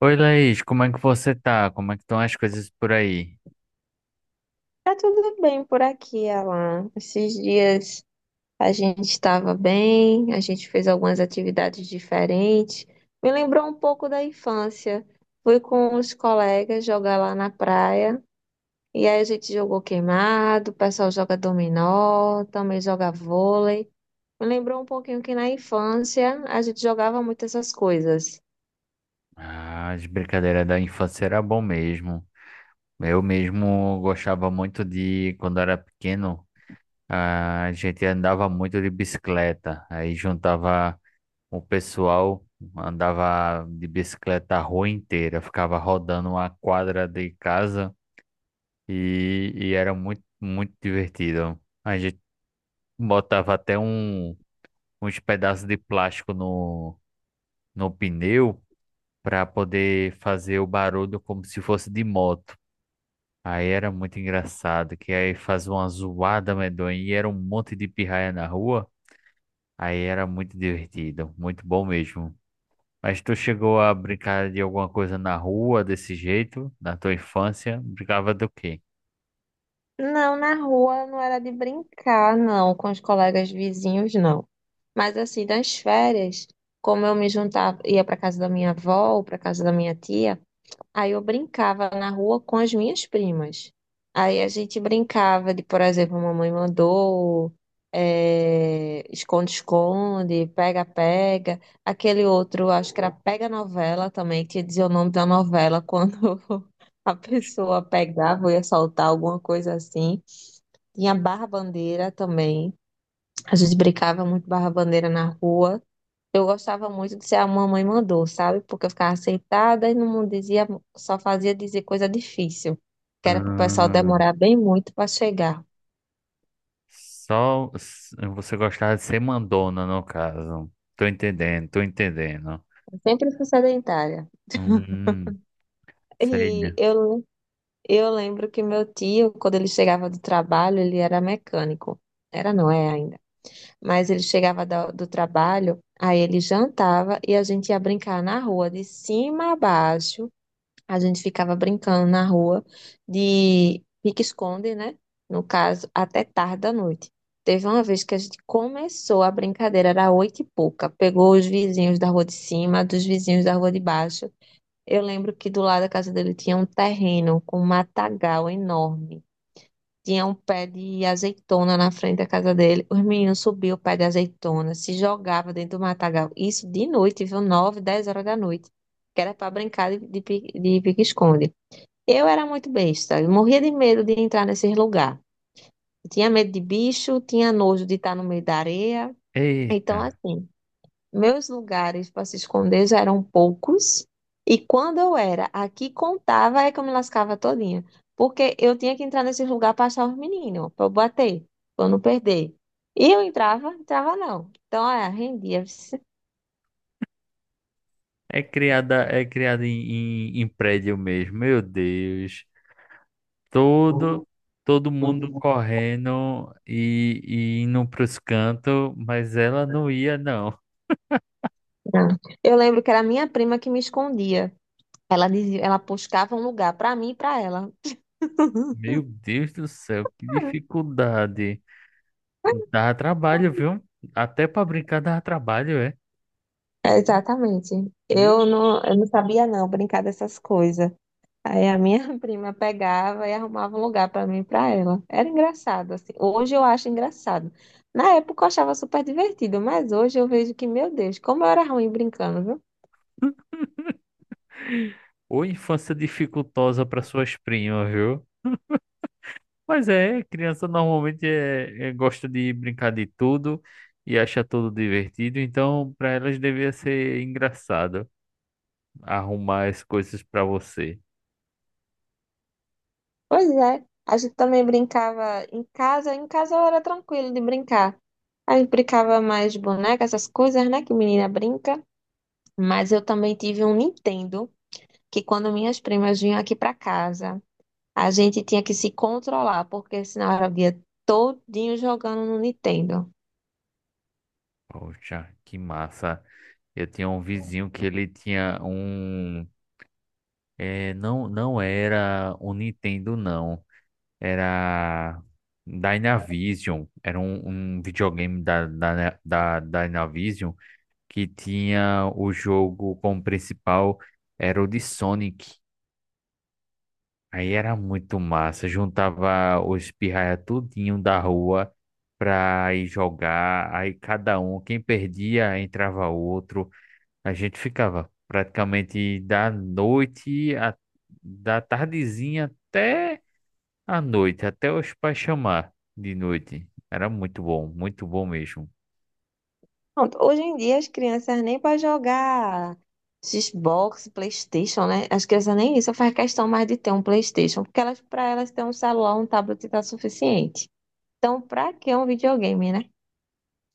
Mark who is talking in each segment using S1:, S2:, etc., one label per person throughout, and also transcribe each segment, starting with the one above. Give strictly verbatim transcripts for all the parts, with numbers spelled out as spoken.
S1: Oi, Laís, como é que você tá? Como é que estão as coisas por aí?
S2: Tá tudo bem por aqui, Alan. Esses dias a gente estava bem, a gente fez algumas atividades diferentes. Me lembrou um pouco da infância. Fui com os colegas jogar lá na praia. E aí a gente jogou queimado, o pessoal joga dominó, também joga vôlei. Me lembrou um pouquinho que na infância a gente jogava muito essas coisas.
S1: Ah, as brincadeiras da infância era bom mesmo. Eu mesmo gostava muito de, quando era pequeno, a gente andava muito de bicicleta. Aí juntava o pessoal, andava de bicicleta a rua inteira, ficava rodando uma quadra de casa e, e era muito, muito divertido. A gente botava até um, uns pedaços de plástico no, no pneu para poder fazer o barulho como se fosse de moto. Aí era muito engraçado, que aí fazia uma zoada medonha e era um monte de pirraia na rua. Aí era muito divertido, muito bom mesmo. Mas tu chegou a brincar de alguma coisa na rua desse jeito, na tua infância? Brincava do quê?
S2: Não, na rua não era de brincar, não, com os colegas vizinhos, não. Mas assim, das férias, como eu me juntava, ia para casa da minha avó ou para casa da minha tia, aí eu brincava na rua com as minhas primas. Aí a gente brincava de, por exemplo, mamãe mandou, eh, esconde-esconde, pega-pega. Aquele outro, acho que era pega-novela também, que dizia o nome da novela quando a pessoa pegava ou ia soltar alguma coisa assim. Tinha barra-bandeira também. A gente brincava muito barra-bandeira na rua. Eu gostava muito de ser a mamãe mandou, sabe? Porque eu ficava sentada e não dizia, só fazia dizer coisa difícil, que era para o pessoal
S1: Ah,
S2: demorar bem muito para chegar.
S1: só s- você gostava de ser mandona, no caso. Tô entendendo, tô entendendo.
S2: Eu sempre fui sedentária.
S1: Hum, sei,
S2: E
S1: né?
S2: eu, eu lembro que meu tio, quando ele chegava do trabalho, ele era mecânico. Era, não é ainda. Mas ele chegava da- do, trabalho, aí ele jantava e a gente ia brincar na rua, de cima a baixo. A gente ficava brincando na rua de pique-esconde, né? No caso, até tarde da noite. Teve uma vez que a gente começou a brincadeira, era oito e pouca. Pegou os vizinhos da rua de cima, dos vizinhos da rua de baixo. Eu lembro que do lado da casa dele tinha um terreno com um matagal enorme. Tinha um pé de azeitona na frente da casa dele. Os meninos subiam o pé de azeitona, se jogavam dentro do matagal. Isso de noite, viu? Nove, dez horas da noite. Que era para brincar de de pi- de pique-esconde. Eu era muito besta, eu morria de medo de entrar nesses lugares. Tinha medo de bicho, tinha nojo de estar no meio da areia. Então,
S1: Eita.
S2: assim, meus lugares para se esconder já eram poucos. E quando eu era aqui contava, é que eu me lascava todinha. Porque eu tinha que entrar nesses lugares para achar os meninos, para eu bater, para eu não perder. E eu entrava, entrava não. Então, é, rendia. Vixe.
S1: É criada, é criada em, em, em prédio mesmo, meu Deus. Todo, todo mundo
S2: Uhum.
S1: correndo e, e indo pros cantos, mas ela não ia, não.
S2: Não. Eu lembro que era a minha prima que me escondia. Ela dizia, ela buscava um lugar para mim e para ela.
S1: Meu Deus do céu, que dificuldade. Dava trabalho, viu? Até para brincar dava trabalho, é.
S2: Exatamente. Eu
S1: Meu,
S2: não, eu não sabia não brincar dessas coisas. Aí a minha prima pegava e arrumava um lugar para mim e para ela. Era engraçado assim. Hoje eu acho engraçado. Na época eu achava super divertido, mas hoje eu vejo que, meu Deus, como eu era ruim brincando, viu?
S1: ou infância dificultosa para suas primas, viu? Mas é, criança normalmente é, é- gosta de brincar de tudo e acha tudo divertido, então para elas devia ser engraçado arrumar as coisas para você.
S2: Pois é. A gente também brincava em casa. Em casa eu era tranquilo de brincar. Aí brincava mais de boneca, essas coisas, né, que menina brinca. Mas eu também tive um Nintendo que quando minhas primas vinham aqui para casa a gente tinha que se controlar, porque senão era o dia todinho jogando no Nintendo.
S1: Poxa, que massa. Eu tinha um vizinho que ele tinha um. É, não, não era um Nintendo, não. Era Dynavision. Era um, um videogame da, da, da da Dynavision. Que tinha o jogo como principal, era o de Sonic. Aí era muito massa, juntava os pirraia tudinho da rua pra ir jogar, aí cada um, quem perdia, entrava outro. A gente ficava praticamente da noite, a- da tardezinha até a noite, até os pais chamar de noite. Era muito bom, muito bom mesmo.
S2: Pronto, hoje em dia as crianças nem para jogar Xbox, PlayStation, né? As crianças nem isso faz questão mais de ter um PlayStation, porque elas para elas ter um celular, um tablet tá suficiente. Então, para que um videogame, né?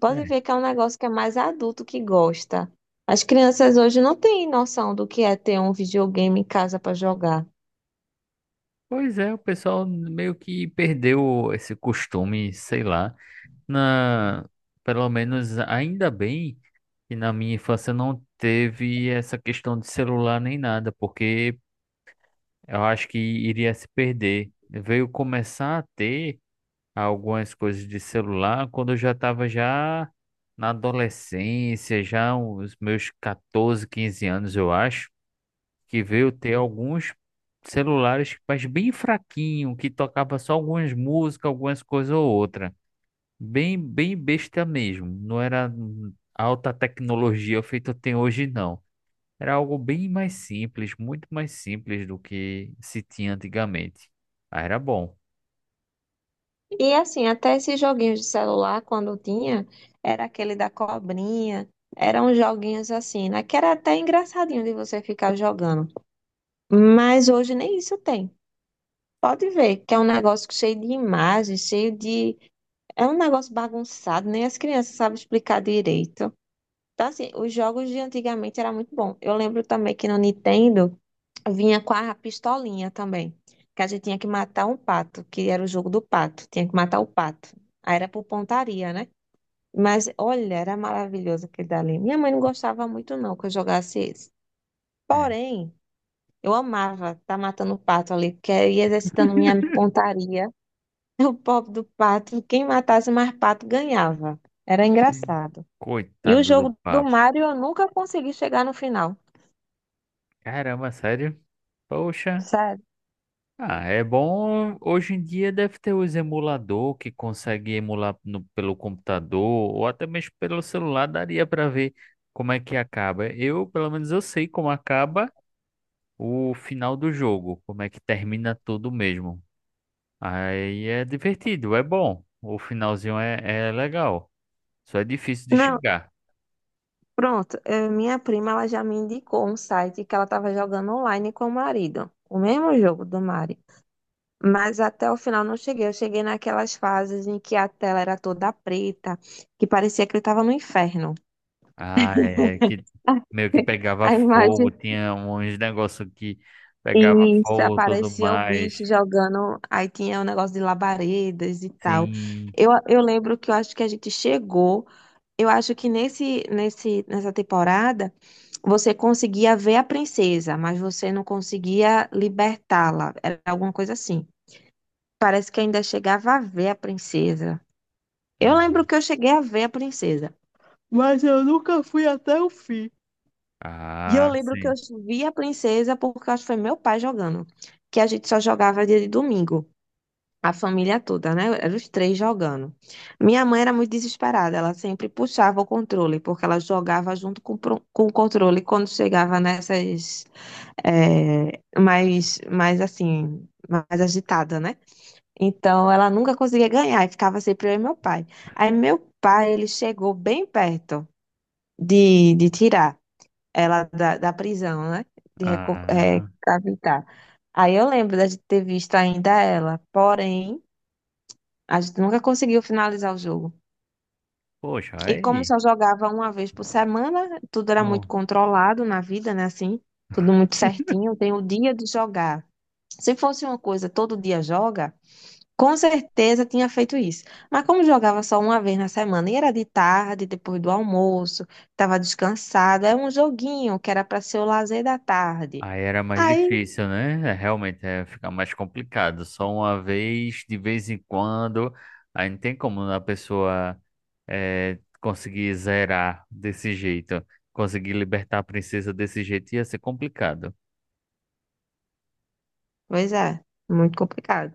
S2: Pode ver que é um negócio que é mais adulto que gosta. As crianças hoje não têm noção do que é ter um videogame em casa para jogar.
S1: Pois é, o pessoal meio que perdeu esse costume, sei lá. Na, Pelo menos ainda bem que na minha infância não teve essa questão de celular nem nada, porque eu acho que iria se perder. Veio começar a ter algumas coisas de celular quando eu já estava já na adolescência, já os meus catorze quinze anos, eu acho que veio ter alguns celulares, mas bem fraquinho, que tocava só algumas músicas, algumas coisas ou outra. Bem, bem besta mesmo. Não era hum, alta tecnologia feita tem hoje, não. Era algo bem mais simples, muito mais simples do que se tinha antigamente. Ah, era bom.
S2: E assim, até esses joguinhos de celular, quando tinha, era aquele da cobrinha, eram joguinhos assim, né? Que era até engraçadinho de você ficar jogando. Mas hoje nem isso tem. Pode ver que é um negócio cheio de imagens, cheio de. É um negócio bagunçado, nem as crianças sabem explicar direito. Então, assim, os jogos de antigamente era muito bom. Eu lembro também que no Nintendo. Vinha com a pistolinha também. Que a gente tinha que matar um pato, que era o jogo do pato. Tinha que matar o pato. Aí era por pontaria, né? Mas olha, era maravilhoso aquele dali. Minha mãe não gostava muito, não, que eu jogasse esse.
S1: É.
S2: Porém, eu amava estar tá matando o pato ali, porque eu ia exercitando minha pontaria. O pobre do pato, quem matasse mais pato ganhava. Era engraçado. E o
S1: Coitado do
S2: jogo do
S1: papo.
S2: Mario eu nunca consegui chegar no final.
S1: Caramba, sério? Poxa.
S2: Sério.
S1: Ah, é bom. Hoje em dia deve ter os emulador que consegue emular no- pelo computador ou até mesmo pelo celular, daria para ver como é que acaba. Eu, pelo menos, eu sei como acaba o final do jogo, como é que termina tudo mesmo. Aí é divertido, é bom. O finalzinho é, é legal. Só é difícil de
S2: Não,
S1: chegar.
S2: pronto, eh, minha prima ela já me indicou um site que ela estava jogando online com o marido, o mesmo jogo do Mari. Mas até o final não cheguei. Eu cheguei naquelas fases em que a tela era toda preta, que parecia que ele estava no inferno.
S1: Ah, é que meio que
S2: A
S1: pegava fogo,
S2: imagem.
S1: tinha uns negócios que pegava
S2: Isso,
S1: fogo, e tudo
S2: aparecia o
S1: mais.
S2: bicho jogando. Aí tinha o negócio de labaredas e tal.
S1: Sim.
S2: Eu, eu lembro que eu acho que a gente chegou. Eu acho que nesse, nesse, nessa temporada você conseguia ver a princesa, mas você não conseguia libertá-la. Era alguma coisa assim. Parece que ainda chegava a ver a princesa. Eu lembro que eu cheguei a ver a princesa. E eu
S1: Ah,
S2: lembro que eu
S1: sim.
S2: vi a princesa porque eu acho que foi meu pai jogando, que a gente só jogava dia de domingo. A família toda, né? Eram os três jogando. Minha mãe era muito desesperada, ela sempre puxava o controle, porque ela jogava junto com, o pro- com o controle quando chegava nessas. eh, mais, mais assim, mais agitada, né? Então ela nunca conseguia ganhar, e ficava sempre eu e meu pai. Aí meu pai, ele chegou bem perto de, de tirar ela da, da prisão, né? De
S1: Ah,
S2: recapitar. Aí eu lembro da gente ter visto ainda ela, porém. A gente nunca conseguiu finalizar o jogo.
S1: poxa,
S2: E como
S1: aí.
S2: só jogava uma vez por semana, tudo era muito
S1: Não.
S2: controlado na vida, né? Assim, tudo muito certinho, tem o dia de jogar. Se fosse uma coisa todo dia joga, com certeza tinha feito isso. Mas como jogava só uma vez na semana, e era de tarde, depois do almoço, estava descansada, era um joguinho que era para ser o lazer da tarde.
S1: Aí era mais
S2: Aí,
S1: difícil, né? É, realmente é ficar mais complicado. Só uma vez, de vez em quando. Aí não tem como a pessoa é, conseguir zerar desse jeito. Conseguir libertar a princesa desse jeito ia ser complicado.
S2: pois é, muito complicado.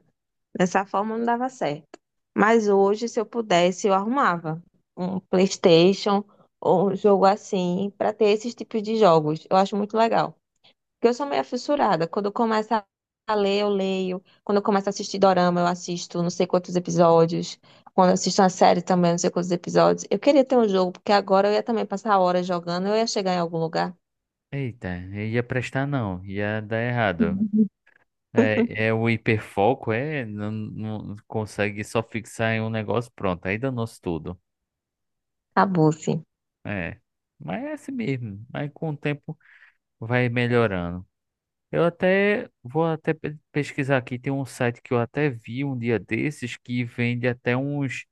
S2: Dessa forma não dava certo. Mas hoje, se eu pudesse, eu arrumava um PlayStation ou um jogo assim para ter esses tipos de jogos. Eu acho muito legal. Porque eu sou meio fissurada. Quando eu começo a a ler, eu leio. Quando eu começo a assistir dorama, eu assisto não sei quantos episódios. Quando eu assisto uma série também, não sei quantos episódios. Eu queria ter um jogo, porque agora eu ia também passar horas jogando, eu ia chegar em algum lugar.
S1: Eita, ia prestar não, ia dar errado. É, é o hiperfoco, é, não, não consegue só fixar em um negócio, pronto, aí danou-se tudo.
S2: Acabou, sim.
S1: É, mas é assim mesmo. Mas com o tempo vai melhorando. Eu até vou até pe- pesquisar aqui. Tem um site que eu até vi um dia desses que vende até uns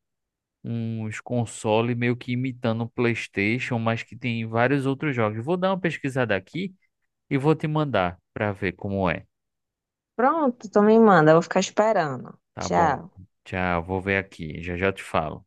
S1: uns console meio que imitando o PlayStation, mas que tem vários outros jogos. Vou dar uma pesquisada aqui e vou te mandar para ver como é.
S2: Pronto, então me manda, eu vou ficar esperando.
S1: Tá bom.
S2: Tchau.
S1: Tchau, vou ver aqui. Já já te falo.